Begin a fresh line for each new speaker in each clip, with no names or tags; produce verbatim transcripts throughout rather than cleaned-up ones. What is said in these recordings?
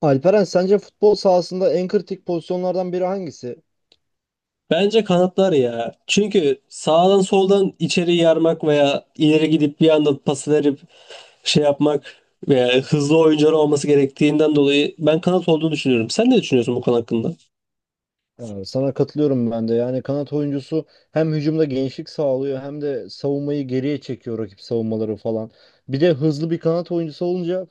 Alperen sence futbol sahasında en kritik pozisyonlardan biri hangisi?
Bence kanatlar ya. Çünkü sağdan soldan içeri yarmak veya ileri gidip bir anda pas verip şey yapmak veya hızlı oyuncular olması gerektiğinden dolayı ben kanat olduğunu düşünüyorum. Sen ne düşünüyorsun bu konu hakkında?
Ee, sana katılıyorum ben de. Yani kanat oyuncusu hem hücumda genişlik sağlıyor hem de savunmayı geriye çekiyor rakip savunmaları falan. Bir de hızlı bir kanat oyuncusu olunca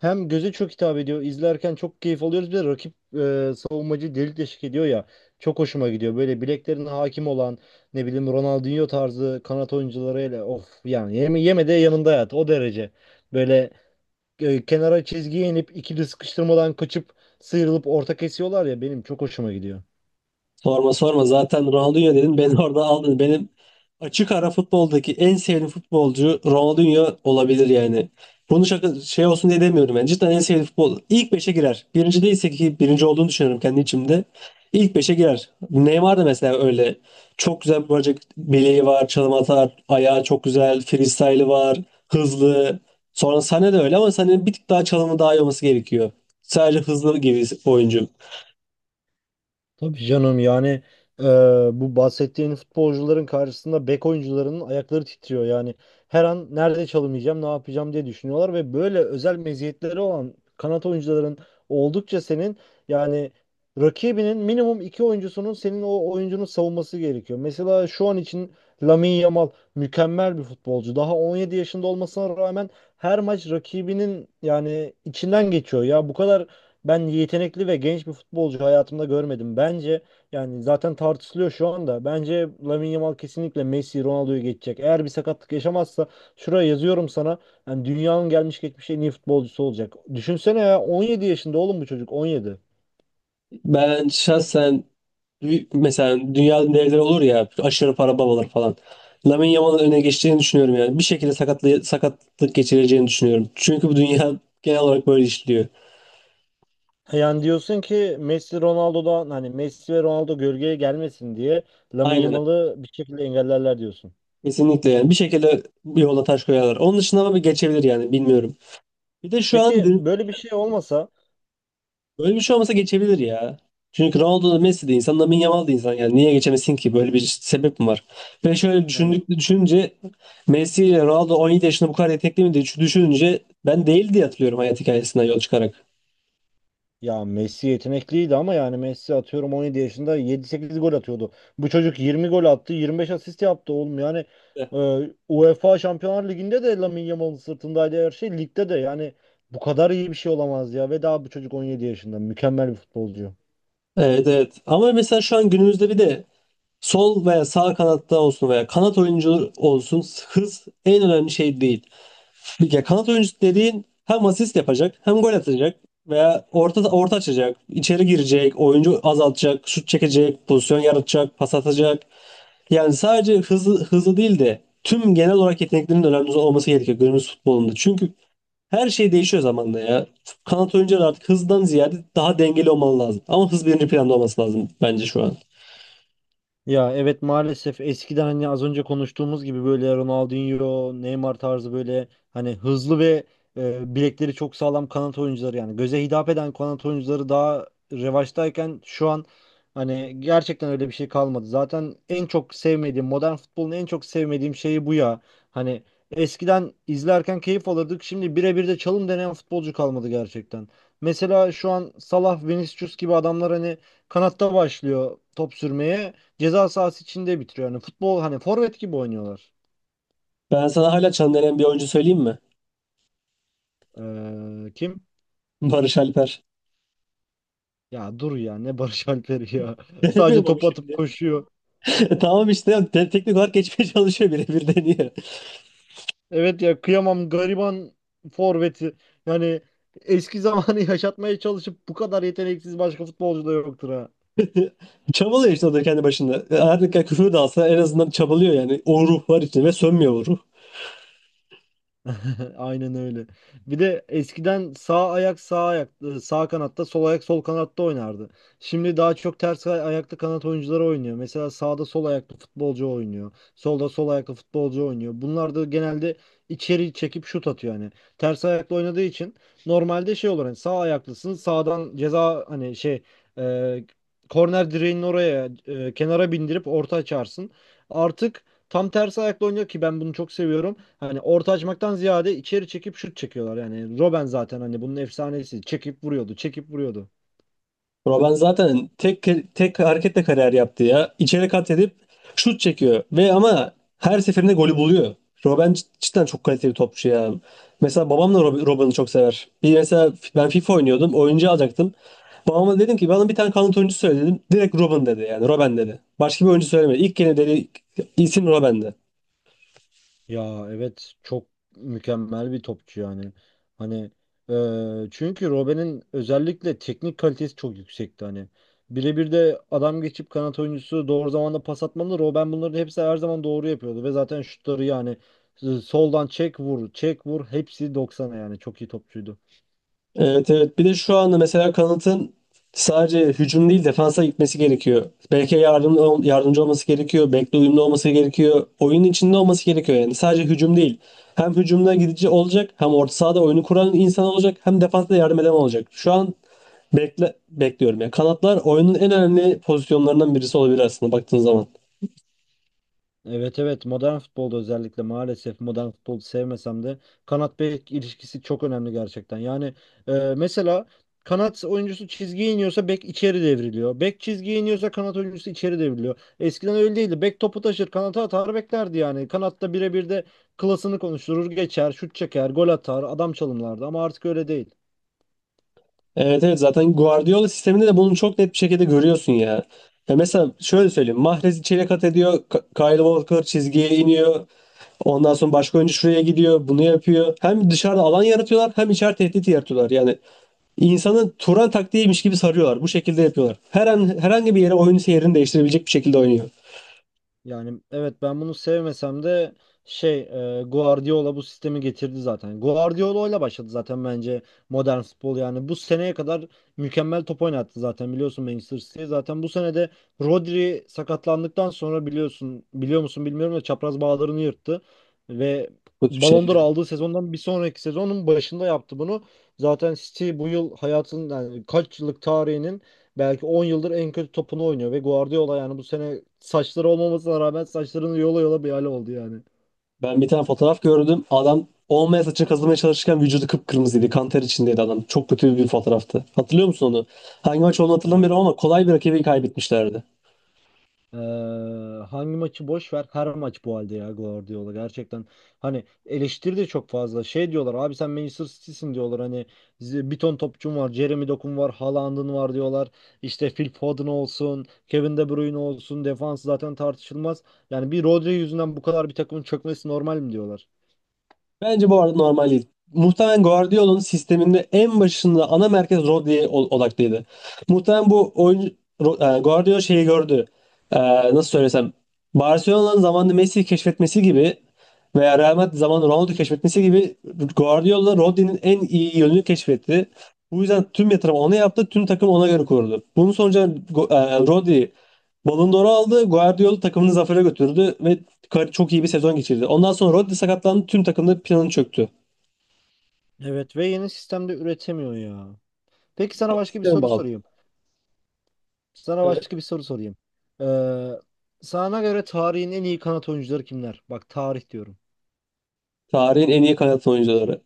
hem göze çok hitap ediyor. İzlerken çok keyif alıyoruz. Bir de rakip e, savunmacı delik deşik ediyor ya. Çok hoşuma gidiyor. Böyle bileklerine hakim olan ne bileyim Ronaldinho tarzı kanat oyuncularıyla of yani yeme, yeme de yanında yat o derece. Böyle e, kenara çizgiye inip ikili sıkıştırmadan kaçıp sıyrılıp orta kesiyorlar ya benim çok hoşuma gidiyor.
Sorma sorma zaten Ronaldinho dedin beni orada aldın. Benim açık ara futboldaki en sevdiğim futbolcu Ronaldinho olabilir yani. Bunu şaka şey olsun diye demiyorum yani. Cidden en sevdiğim futbol. İlk beşe girer. Birinci değilse ki birinci olduğunu düşünüyorum kendi içimde. İlk beşe girer. Neymar da mesela öyle. Çok güzel bir bacak bileği var, çalım atar, ayağı çok güzel, freestyle'ı var, hızlı. Sonra Sané de öyle ama Sané'nin bir tık daha çalımı daha iyi olması gerekiyor. Sadece hızlı gibi oyuncu.
Tabii canım yani e, bu bahsettiğin futbolcuların karşısında bek oyuncularının ayakları titriyor. Yani her an nerede çalımayacağım, ne yapacağım diye düşünüyorlar ve böyle özel meziyetleri olan kanat oyuncuların oldukça senin yani rakibinin minimum iki oyuncusunun senin o oyuncunun savunması gerekiyor. Mesela şu an için Lamine Yamal mükemmel bir futbolcu. Daha on yedi yaşında olmasına rağmen her maç rakibinin yani içinden geçiyor. Ya bu kadar ben yetenekli ve genç bir futbolcu hayatımda görmedim. Bence yani zaten tartışılıyor şu anda. Bence Lamine Yamal kesinlikle Messi, Ronaldo'yu geçecek. Eğer bir sakatlık yaşamazsa şuraya yazıyorum sana. Yani dünyanın gelmiş geçmiş en iyi futbolcusu olacak. Düşünsene ya on yedi yaşında oğlum, bu çocuk on yedi.
Ben şahsen Bir- mesela dünyanın devleri olur ya aşırı para babalar falan. Lamine Yamal'ın öne geçeceğini düşünüyorum yani. Bir şekilde sakatlı, sakatlık geçireceğini düşünüyorum. Çünkü bu dünya genel olarak böyle işliyor.
Yani diyorsun ki Messi Ronaldo'dan hani Messi ve Ronaldo gölgeye gelmesin diye Lamine
Aynen.
Yamal'ı bir şekilde engellerler diyorsun.
Kesinlikle yani. Bir şekilde bir yola taş koyarlar. Onun dışında ama bir geçebilir yani bilmiyorum. Bir de şu an
Peki
dü-
böyle bir şey olmasa
Böyle bir şey olmasa geçebilir ya. Çünkü Ronaldo da Messi de insan, Lamine Yamal da insan. Yani niye geçemesin ki? Böyle bir sebep mi var? Ve şöyle
yani.
düşündük, düşününce Messi ile Ronaldo on yedi yaşında bu kadar yetenekli miydi? Şu Düşününce ben değil diye hatırlıyorum hayat hikayesinden yol çıkarak.
Ya Messi yetenekliydi ama yani Messi atıyorum on yedi yaşında yedi sekiz gol atıyordu. Bu çocuk yirmi gol attı, yirmi beş asist yaptı oğlum. Yani e, UEFA Şampiyonlar Ligi'nde de Lamine Yamal'ın sırtındaydı her şey. Ligde de yani bu kadar iyi bir şey olamaz ya. Ve daha bu çocuk on yedi yaşında. Mükemmel bir futbolcu.
Evet evet. Ama mesela şu an günümüzde bir de sol veya sağ kanatta olsun veya kanat oyuncu olsun hız en önemli şey değil. Ya kanat oyuncusu dediğin hem asist yapacak, hem gol atacak veya orta orta açacak, içeri girecek, oyuncu azaltacak, şut çekecek, pozisyon yaratacak, pas atacak. Yani sadece hızlı hızlı değil de tüm genel olarak yeteneklerinin önemli olması gerekiyor günümüz futbolunda. Çünkü her şey değişiyor zamanla ya. Kanat oyuncuları artık hızdan ziyade daha dengeli olmalı lazım. Ama hız birinci planda olması lazım bence şu an.
Ya evet, maalesef eskiden hani az önce konuştuğumuz gibi böyle Ronaldinho, Neymar tarzı böyle hani hızlı ve e, bilekleri çok sağlam kanat oyuncuları yani göze hitap eden kanat oyuncuları daha revaçtayken şu an hani gerçekten öyle bir şey kalmadı. Zaten en çok sevmediğim modern futbolun en çok sevmediğim şeyi bu ya. Hani eskiden izlerken keyif alırdık. Şimdi birebir de çalım deneyen futbolcu kalmadı gerçekten. Mesela şu an Salah, Vinicius gibi adamlar hani kanatta başlıyor top sürmeye, ceza sahası içinde bitiriyor. Yani futbol hani forvet gibi oynuyorlar.
Ben sana hala çan denen bir oyuncu söyleyeyim mi?
Ee, kim?
Barış Alper.
Ya dur ya, ne Barış Alper'i ya. Sadece
Denemiyorum ama
top atıp
şimdi.
koşuyor.
Tamam işte de- teknik olarak geçmeye çalışıyor, birebir deniyor.
Evet ya, kıyamam gariban forveti. Yani eski zamanı yaşatmaya çalışıp bu kadar yeteneksiz başka futbolcu da yoktur ha.
Çabalıyor işte o da kendi başında. E, Her ne kadar küfür de alsa en azından çabalıyor yani. O ruh var içinde ve sönmüyor o ruh.
Aynen öyle. Bir de eskiden sağ ayak sağ ayak e, sağ kanatta, sol ayak sol kanatta oynardı. Şimdi daha çok ters ay- ayaklı kanat oyuncuları oynuyor. Mesela sağda sol ayaklı futbolcu oynuyor. Solda sol ayaklı futbolcu oynuyor. Bunlar da genelde içeri çekip şut atıyor hani. Ters ayaklı oynadığı için normalde şey olur hani sağ ayaklısın sağdan ceza hani şey e, korner direğinin oraya e, kenara bindirip orta açarsın. Artık tam tersi ayakla oynuyor ki ben bunu çok seviyorum, hani orta açmaktan ziyade içeri çekip şut çekiyorlar. Yani Robben zaten hani bunun efsanesi. Çekip vuruyordu, çekip vuruyordu.
Bro ben zaten tek tek hareketle kariyer yaptı ya. İçeri kat edip şut çekiyor ve ama her seferinde golü buluyor. Robben cid- cidden çok kaliteli topçu ya. Mesela babam da Rob- Robben'i çok sever. Bir mesela f- ben FIFA oynuyordum, oyuncu alacaktım. Babama dedim ki bana bir tane kanat oyuncu söyle dedim. Direkt Robben dedi yani, Robben dedi. Başka bir oyuncu söylemedi. İlk gene dedi isim Robben'di.
Ya evet, çok mükemmel bir topçu yani. Hani e, çünkü Robben'in özellikle teknik kalitesi çok yüksekti hani. Birebir de adam geçip kanat oyuncusu doğru zamanda pas atmalı. Robben bunların hepsi her zaman doğru yapıyordu ve zaten şutları yani e, soldan çek vur, çek vur, hepsi doksana, yani çok iyi topçuydu.
Evet evet. Bir de şu anda mesela kanatın sadece hücum değil defansa gitmesi gerekiyor. Belki yardım, yardımcı olması gerekiyor. Bekle uyumlu olması gerekiyor. Oyunun içinde olması gerekiyor yani. Sadece hücum değil. Hem hücumda gidici olacak, hem orta sahada oyunu kuran insan olacak, hem defansta yardım eden olacak. Şu an bekle, bekliyorum. Yani kanatlar oyunun en önemli pozisyonlarından birisi olabilir aslında baktığın zaman.
Evet evet, modern futbolda özellikle maalesef modern futbolu sevmesem de kanat bek ilişkisi çok önemli gerçekten. Yani e, mesela kanat oyuncusu çizgiye iniyorsa bek içeri devriliyor. Bek çizgiye iniyorsa kanat oyuncusu içeri devriliyor. Eskiden öyle değildi. Bek topu taşır, kanata atar beklerdi yani. Kanatta birebir de klasını konuşturur, geçer, şut çeker, gol atar, adam çalımlardı ama artık öyle değil.
Evet evet zaten Guardiola sisteminde de bunu çok net bir şekilde görüyorsun ya. Ya mesela şöyle söyleyeyim. Mahrez içeri kat ediyor. Ka- Kyle Walker çizgiye iniyor. Ondan sonra başka oyuncu şuraya gidiyor. Bunu yapıyor. Hem dışarıda alan yaratıyorlar hem içeride tehdit yaratıyorlar. Yani insanı Turan taktiğiymiş gibi sarıyorlar. Bu şekilde yapıyorlar. Her an herhangi bir yere oyun seyrini değiştirebilecek bir şekilde oynuyor.
Yani evet, ben bunu sevmesem de şey e, Guardiola bu sistemi getirdi zaten. Guardiola ile başladı zaten bence modern futbol yani. Bu seneye kadar mükemmel top oynattı zaten, biliyorsun Manchester City. Zaten bu sene de Rodri sakatlandıktan sonra biliyorsun, biliyor musun bilmiyorum da, çapraz bağlarını yırttı ve
Bu tip
Ballon
şey.
d'Or aldığı sezondan bir sonraki sezonun başında yaptı bunu. Zaten City bu yıl hayatın yani kaç yıllık tarihinin, belki on yıldır en kötü topunu oynuyor ve Guardiola yani bu sene saçları olmamasına rağmen saçlarını yola yola bir hale oldu yani.
Ben bir tane fotoğraf gördüm. Adam olmayan saçını kazımaya çalışırken vücudu kıpkırmızıydı. Kan ter içindeydi adam. Çok kötü bir fotoğraftı. Hatırlıyor musun onu? Hangi maç olduğunu
Ya,
hatırlamıyorum ama kolay bir rakibi kaybetmişlerdi.
eee, hangi maçı boş ver, her maç bu halde ya Guardiola gerçekten. Hani eleştiri de çok fazla. Şey diyorlar, abi sen Manchester City'sin diyorlar hani, z- bir ton topçun var. Jeremy Dokun var, Haaland'ın var diyorlar. İşte Phil Foden olsun, Kevin De Bruyne olsun, defans zaten tartışılmaz. Yani bir Rodri yüzünden bu kadar bir takımın çökmesi normal mi diyorlar?
Bence bu arada normal değil. Muhtemelen Guardiola'nın sisteminde en başında ana merkez Rodri'ye ol- odaklıydı. Muhtemelen bu oyuncu Ro- e, Guardiola şeyi gördü. E, Nasıl söylesem, Barcelona'nın zamanında Messi'yi keşfetmesi gibi veya Real Madrid zamanında Ronaldo'yu keşfetmesi gibi Guardiola Rodri'nin en iyi yönünü keşfetti. Bu yüzden tüm yatırım ona yaptı, tüm takım ona göre kuruldu. Bunun sonucu Go- e, Rodri Ballon d'Or'u aldı, Guardiola takımını zafere götürdü ve Kar- çok iyi bir sezon geçirdi. Ondan sonra Rodri sakatlandı. Tüm takımda planı çöktü.
Evet ve yeni sistemde üretemiyor ya. Peki sana başka bir
Sisteme
soru
bağlı.
sorayım. Sana
Evet.
başka bir soru sorayım. Ee, Sana göre tarihin en iyi kanat oyuncuları kimler? Bak, tarih diyorum.
Tarihin en iyi kanat oyuncuları.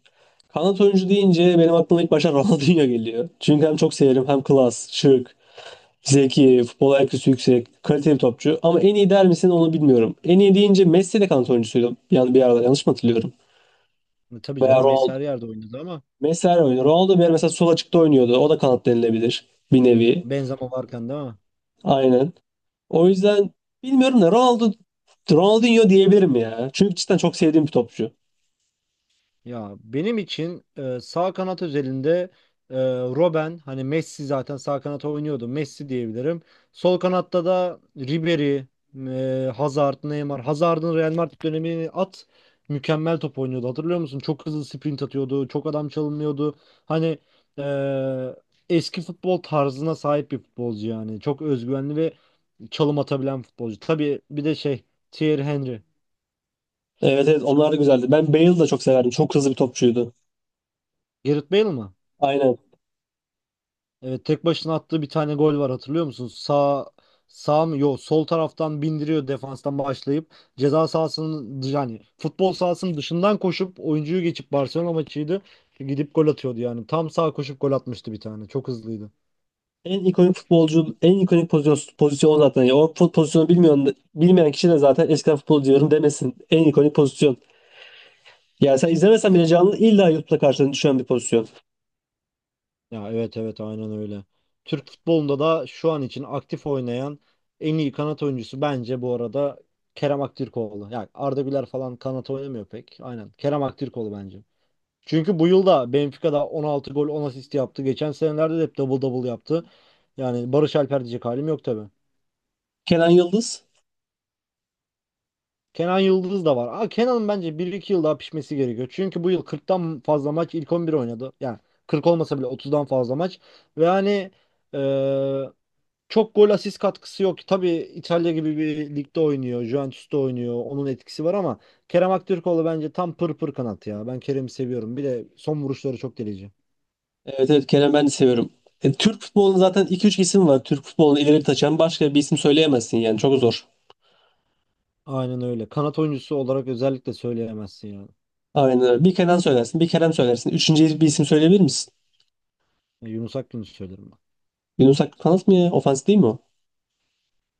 Kanat oyuncu deyince benim aklıma ilk başta Ronaldinho geliyor. Çünkü hem çok severim hem klas, şık, zeki, futbol I Q'su yüksek, kaliteli topçu. Ama en iyi der misin onu bilmiyorum. En iyi deyince Messi de kanat oyuncusuydu. Yani bir arada yanlış mı hatırlıyorum?
Tabii
Veya
canım, Messi
Ronaldo.
her yerde oynadı ama
Messi her oynuyor. Ronaldo bir ara mesela sol açıkta oynuyordu. O da kanat denilebilir. Bir nevi.
Benzema varken değil mi?
Aynen. O yüzden bilmiyorum da Ronaldo Ronaldinho diyebilirim ya. Çünkü cidden çok sevdiğim bir topçu.
Ya benim için e, sağ kanat özelinde e, Robben, hani Messi zaten sağ kanata oynuyordu. Messi diyebilirim. Sol kanatta da Ribery, e, Hazard, Neymar. Hazard'ın Real Madrid dönemini at. Mükemmel top oynuyordu. Hatırlıyor musun? Çok hızlı sprint atıyordu. Çok adam çalınmıyordu. Hani e, eski futbol tarzına sahip bir futbolcu yani. Çok özgüvenli ve çalım atabilen futbolcu. Tabii bir de şey, Thierry Henry.
Evet evet onlar da güzeldi. Ben Bale'ı da çok severdim. Çok hızlı bir topçuydu.
Gareth Bale mi?
Aynen.
Evet, tek başına attığı bir tane gol var, hatırlıyor musun? Sağ sağ mı? Yok, sol taraftan bindiriyor defanstan başlayıp ceza sahasının yani futbol sahasının dışından koşup oyuncuyu geçip. Barcelona maçıydı. Gidip gol atıyordu yani. Tam sağ koşup gol atmıştı bir tane. Çok hızlıydı.
En ikonik futbolcu, en ikonik pozisyon, pozisyon o zaten. Ya, o fut- pozisyonu bilmiyor, bilmeyen kişi de zaten eskiden futbolcu diyorum demesin. En ikonik pozisyon. Yani sen izlemesen bile canlı illa YouTube'da karşına düşen bir pozisyon.
Ya evet evet, aynen öyle. Türk futbolunda da şu an için aktif oynayan en iyi kanat oyuncusu bence bu arada Kerem Aktürkoğlu. Yani Arda Güler falan kanat oynamıyor pek. Aynen. Kerem Aktürkoğlu bence. Çünkü bu yıl da Benfica'da on altı gol on asist yaptı. Geçen senelerde de hep double double yaptı. Yani Barış Alper diyecek halim yok tabii.
Kenan Yıldız.
Kenan Yıldız da var. Aa, Kenan'ın bence bir iki yıl daha pişmesi gerekiyor. Çünkü bu yıl kırktan fazla maç ilk on bir oynadı. Yani kırk olmasa bile otuzdan fazla maç. Ve hani eee, çok gol asist katkısı yok. Tabii İtalya gibi bir ligde oynuyor. Juventus'ta oynuyor. Onun etkisi var ama Kerem Aktürkoğlu bence tam pır pır kanat ya. Ben Kerem'i seviyorum. Bir de son vuruşları çok delici.
Evet evet Kenan ben de seviyorum. E, Türk futbolunun zaten iki üç isim var. Türk futbolunu ileri taşıyan başka bir isim söyleyemezsin yani. Çok zor.
Aynen öyle. Kanat oyuncusu olarak özellikle söyleyemezsin yani.
Aynen öyle. Bir Kenan söylersin, bir Kerem söylersin. Üçüncü bir isim söyleyebilir misin?
Ya Yunus Akgün'ü söylerim
Yunus Akgül kanat mı ya? Ofans değil mi o?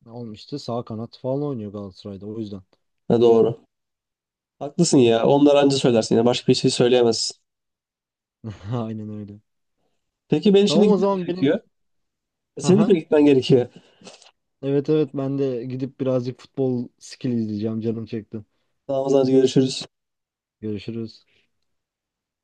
ben. Olmuştu. Sağ kanat falan oynuyor Galatasaray'da o yüzden.
Ha, doğru. Haklısın ya. Onları anca söylersin ya. Başka bir şey söyleyemezsin.
Aynen öyle.
Peki ben şimdi
Tamam, o
gitmem
zaman
gerekiyor.
benim...
Senin de
Aha.
mi gitmen gerekiyor?
Evet evet, ben de gidip birazcık futbol skill izleyeceğim. Canım çekti.
Tamam o zaman görüşürüz.
Görüşürüz.